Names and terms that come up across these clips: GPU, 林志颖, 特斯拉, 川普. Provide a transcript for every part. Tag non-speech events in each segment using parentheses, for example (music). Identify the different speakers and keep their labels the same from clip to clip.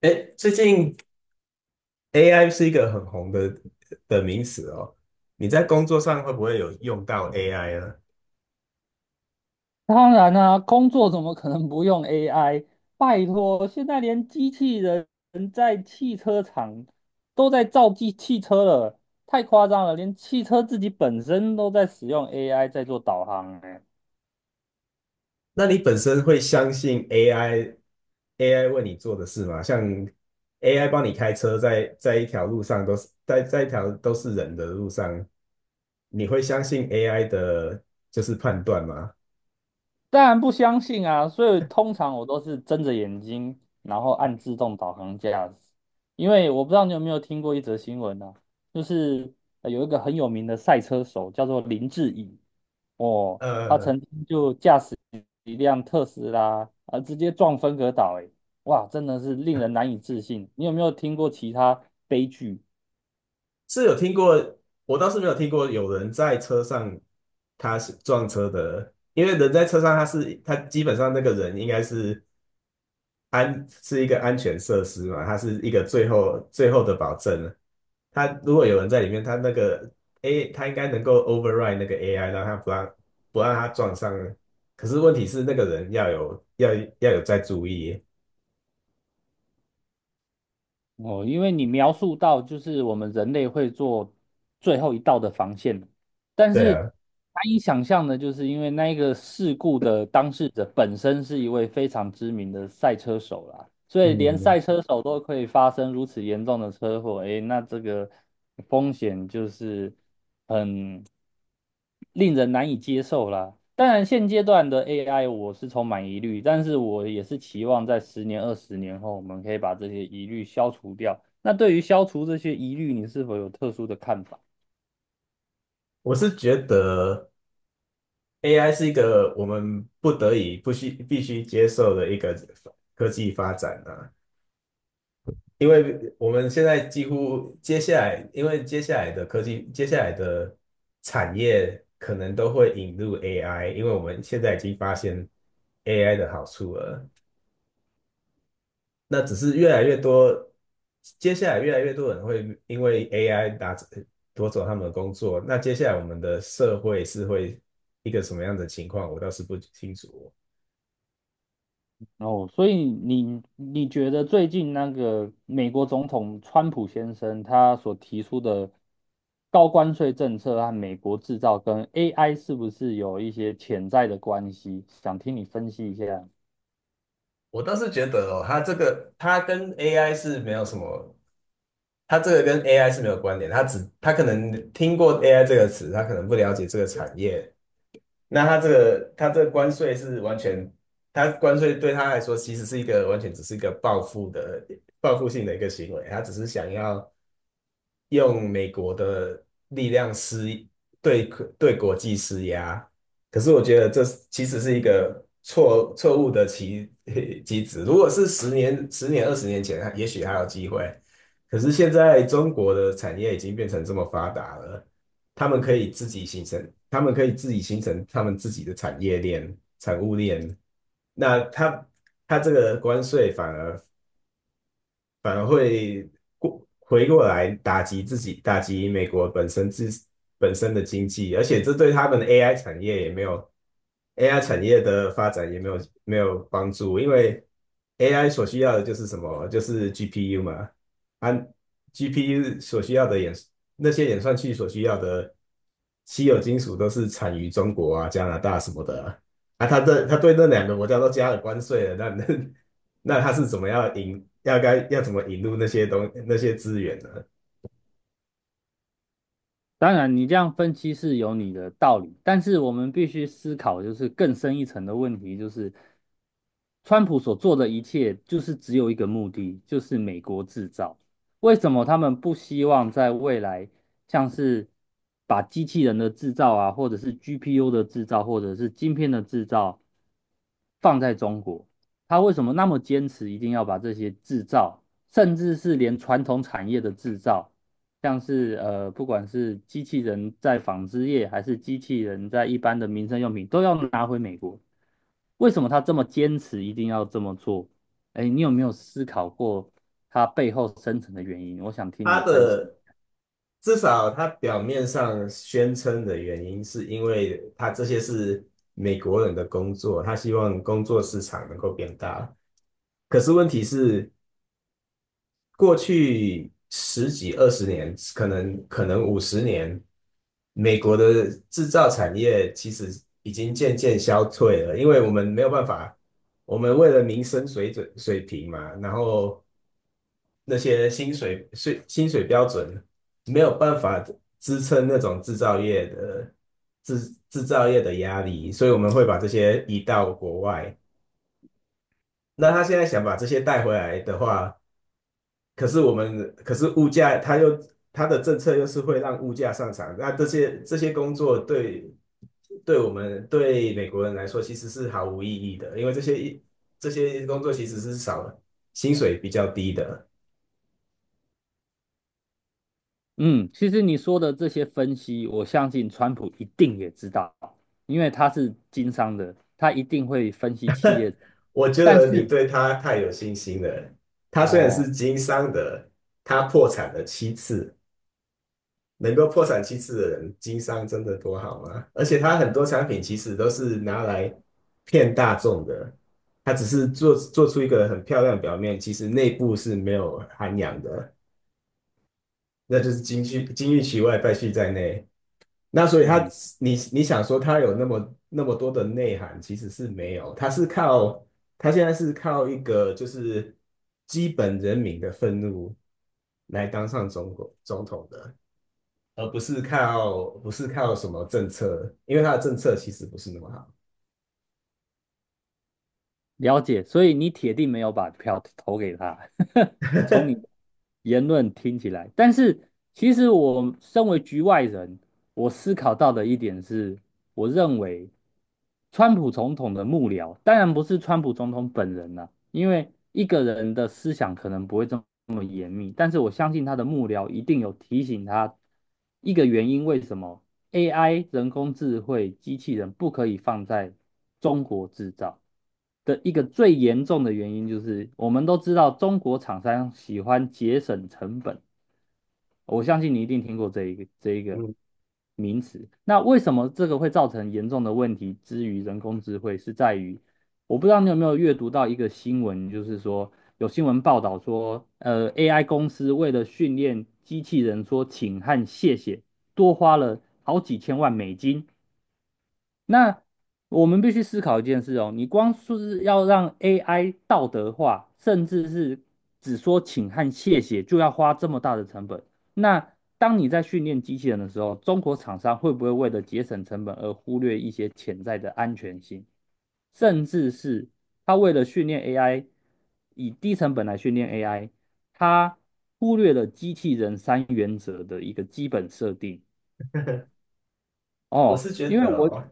Speaker 1: 哎，最近 AI 是一个很红的名词哦。你在工作上会不会有用到 AI 呢？
Speaker 2: 当然啦，工作怎么可能不用 AI？拜托，现在连机器人在汽车厂都在造汽车了，太夸张了！连汽车自己本身都在使用 AI 在做导航，欸，
Speaker 1: 那你本身会相信 AI 为你做的事吗？像 AI 帮你开车在一条路上，都是在一条都是人的路上，你会相信 AI 的就是判断吗？
Speaker 2: 当然不相信啊。所以通常我都是睁着眼睛，然后
Speaker 1: (laughs)
Speaker 2: 按自动导航驾驶。因为我不知道你有没有听过一则新闻啊，就是有一个很有名的赛车手叫做林志颖哦，他
Speaker 1: 呃，
Speaker 2: 曾经就一辆特斯拉啊，直接撞分隔岛，哎，哇，真的是令人难以置信。你有没有听过其他悲剧？
Speaker 1: 是有听过。我倒是没有听过有人在车上他是撞车的，因为人在车上，他基本上那个人应该是，是一个安全设施嘛，他是一个最后的保证。他如果有人在里面，他那个 他应该能够 override 那个 AI,让他不让他撞上。可是问题是那个人要要有在注意。
Speaker 2: 哦，因为你描述到就是我们人类会做最后一道的防线，但
Speaker 1: 对
Speaker 2: 是难
Speaker 1: 啊，
Speaker 2: 以想象的，就是因为那一个事故的当事者本身是一位非常知名的赛车手啦，所以连
Speaker 1: 嗯，
Speaker 2: 赛车手都可以发生如此严重的车祸，诶，那这个风险就是。很令人难以接受啦。当然，现阶段的 AI 我是充满疑虑，但是我也是期望在十年、二十年后，我们可以把这些疑虑消除掉。那对于消除这些疑虑，你是否有特殊的看法？
Speaker 1: 我是觉得。AI 是一个我们不得已不需必须接受的一个科技发展啊。因为我们现在几乎接下来，因为接下来的科技，接下来的产业可能都会引入 AI,因为我们现在已经发现 AI 的好处了。那只是越来越多，接下来越来越多人会因为 AI 拿走夺走他们的工作，那接下来我们的社会是会一个什么样的情况，我倒是不清楚哦。
Speaker 2: 哦，所以你觉得最近那个美国总统川普先生他所提出的高关税政策和美国制造跟 AI 是不是有一些潜在的关系？想听你分析一下。
Speaker 1: 我倒是觉得哦，它这个它跟 AI 是没有什么，它这个跟 AI 是没有关联，它可能听过 AI 这个词，它可能不了解这个产业。那他这个关税是完全，他关税对他来说其实是一个完全只是一个报复性的一个行为。他只是想要用美国的力量对对国际施压。可是我觉得这其实是一个错误的棋 (laughs) 棋子。如果是十年、二十年前，也许还有机会。可是现在中国的产业已经变成这么发达了。他们可以自己形成他们自己的产业链、产物链。那他这个关税反而会回过来打击自己，打击美国本身本身的经济，而且这对他们的 AI 产业也没有 AI 产业的发展也没有帮助，因为 AI 所需要的就是什么？就是 GPU 嘛。啊，GPU 所需要的那些演算器所需要的稀有金属都是产于中国啊、加拿大什么的啊。啊他对那两个国家都加了关税了，那 (laughs) 那他是怎么样引，要该要怎么引入那些资源呢？
Speaker 2: 当然，你这样分析是有你的道理，但是我们必须思考就是更深一层的问题，就是川普所做的一切就是只有一个目的，就是美国制造。为什么他们不希望在未来像是把机器人的制造啊，或者是 GPU 的制造，或者是晶片的制造放在中国？他为什么那么坚持一定要把这些制造，甚至是连传统产业的制造，像是不管是机器人在纺织业，还是机器人在一般的民生用品，都要拿回美国？为什么他这么坚持一定要这么做？哎，你有没有思考过他背后深层的原因？我想听
Speaker 1: 他
Speaker 2: 你分析。
Speaker 1: 的至少他表面上宣称的原因，是因为他这些是美国人的工作，他希望工作市场能够变大。可是问题是，过去十几二十年，可能50年，美国的制造产业其实已经渐渐消退了，因为我们没有办法，我们为了民生水准水平嘛，然后那些薪水标准没有办法支撑那种制造业的制造业的压力，所以我们会把这些移到国外。那他现在想把这些带回来的话，可是我们，可是物价，它的政策又是会让物价上涨。那这些工作对对我们对美国人来说其实是毫无意义的，因为这些工作其实是少了薪水比较低的。
Speaker 2: 嗯，其实你说的这些分析，我相信川普一定也知道，因为他是经商的，他一定会分析企业的。
Speaker 1: 我觉
Speaker 2: 但
Speaker 1: 得你
Speaker 2: 是
Speaker 1: 对他太有信心了。他虽然
Speaker 2: 哦，
Speaker 1: 是经商的，他破产了七次，能够破产七次的人，经商真的多好吗？而且他很多产品其实都是拿来骗大众的，他只是做出一个很漂亮的表面，其实内部是没有涵养的，那就是金玉其外，败絮在内。那所以他，
Speaker 2: 嗯，
Speaker 1: 你想说他有那么多的内涵，其实是没有，他现在是靠一个就是基本人民的愤怒来当上中国总统的。而不是靠什么政策，因为他的政策其实不是那么好。
Speaker 2: 了解，所以你铁定没有把票投给他，(laughs) 从你言论听起来。但是其实我身为局外人，我思考到的一点是，我认为川普总统的幕僚，当然不是川普总统本人了，因为一个人的思想可能不会这么。严密，但是我相信他的幕僚一定有提醒他一个原因，为什么 AI 人工智慧机器人不可以放在中国制造的一个最严重的原因，就是我们都知道中国厂商喜欢节省成本，我相信你一定听过这一个
Speaker 1: 嗯。
Speaker 2: 名词。那为什么这个会造成严重的问题？之于人工智慧是在于，我不知道你有没有阅读到一个新闻，就是说有新闻报道说，AI 公司为了训练机器人说请和谢谢，多花了好几千万美金。那我们必须思考一件事哦，你光说是要让 AI 道德化，甚至是只说请和谢谢，就要花这么大的成本。那当你在训练机器人的时候，中国厂商会不会为了节省成本而忽略一些潜在的安全性，甚至是他为了训练 AI，以低成本来训练 AI，他忽略了机器人三原则的一个基本设定
Speaker 1: 我
Speaker 2: 哦，
Speaker 1: 是觉
Speaker 2: 因为
Speaker 1: 得
Speaker 2: 我
Speaker 1: 哦，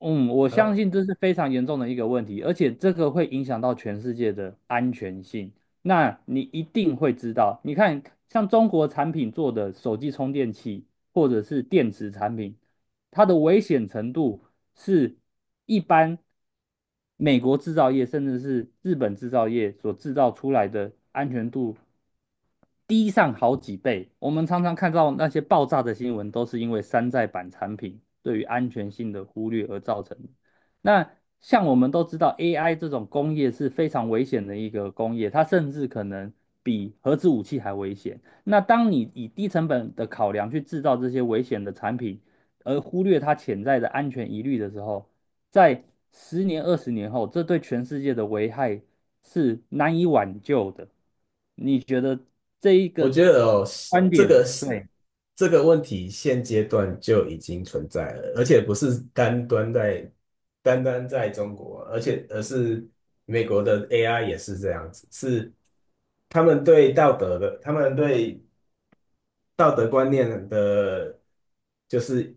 Speaker 2: 嗯，我相
Speaker 1: 呃，
Speaker 2: 信这是非常严重的一个问题，而且这个会影响到全世界的安全性。那你一定会知道。你看，像中国产品做的手机充电器或者是电池产品，它的危险程度是一般美国制造业甚至是日本制造业所制造出来的安全度低上好几倍。我们常常看到那些爆炸的新闻，都是因为山寨版产品对于安全性的忽略而造成。那像我们都知道，AI 这种工业是非常危险的一个工业，它甚至可能比核子武器还危险。那当你以低成本的考量去制造这些危险的产品，而忽略它潜在的安全疑虑的时候，在十年、二十年后，这对全世界的危害是难以挽救的。你觉得这一
Speaker 1: 我
Speaker 2: 个
Speaker 1: 觉得哦，
Speaker 2: 观
Speaker 1: 这
Speaker 2: 点，
Speaker 1: 个是
Speaker 2: 对，
Speaker 1: 这个问题现阶段就已经存在了，而且不是单单在中国，而是美国的 AI 也是这样子，是他们对道德的，他们对道德观念的，就是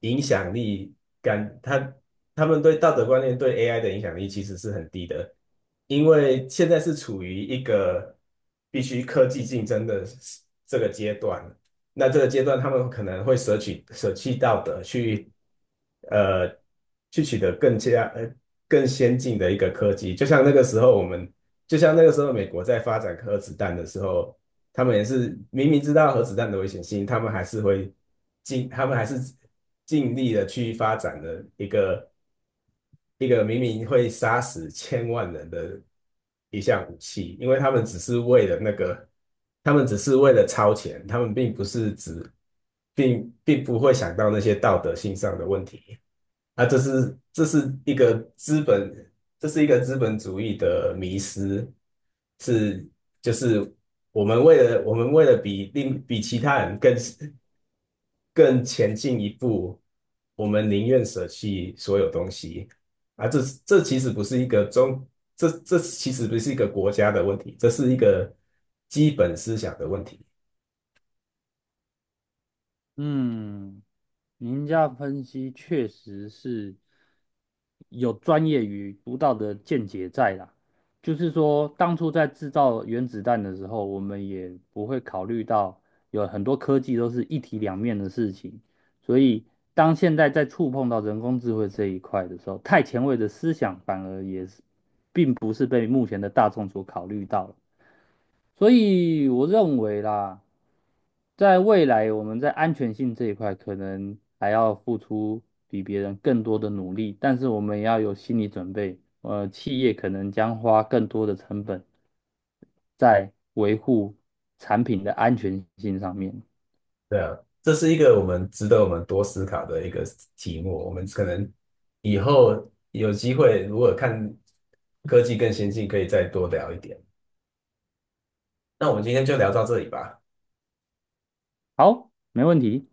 Speaker 1: 影响力感，他们对道德观念对 AI 的影响力其实是很低的，因为现在是处于一个必须科技竞争的这个阶段。那这个阶段，他们可能会舍弃道德，去呃去取得更先进的一个科技。就像那个时候，就像那个时候美国在发展核子弹的时候，他们也是明明知道核子弹的危险性，他们还是尽力的去发展的一个明明会杀死千万人的一项武器，因为他们只是为了那个，他们只是为了超前，他们并不是只，并不会想到那些道德性上的问题。啊，这是一个资本，这是一个资本主义的迷失，是就是我们为了比其他人更前进一步，我们宁愿舍弃所有东西啊！这其实不是一个国家的问题，这是一个基本思想的问题。
Speaker 2: 嗯。您家分析确实是有专业与独到的见解在啦。就是说，当初在制造原子弹的时候，我们也不会考虑到有很多科技都是一体两面的事情。所以，当现在在触碰到人工智慧这一块的时候，太前卫的思想反而也是并不是被目前的大众所考虑到了。所以我认为啦，在未来我们在安全性这一块可能还要付出比别人更多的努力，但是我们也要有心理准备，企业可能将花更多的成本在维护产品的安全性上面。
Speaker 1: 对啊，这是一个我们值得我们多思考的一个题目。我们可能以后有机会，如果看科技更先进，可以再多聊一点。那我们今天就聊到这里吧。
Speaker 2: 好，没问题。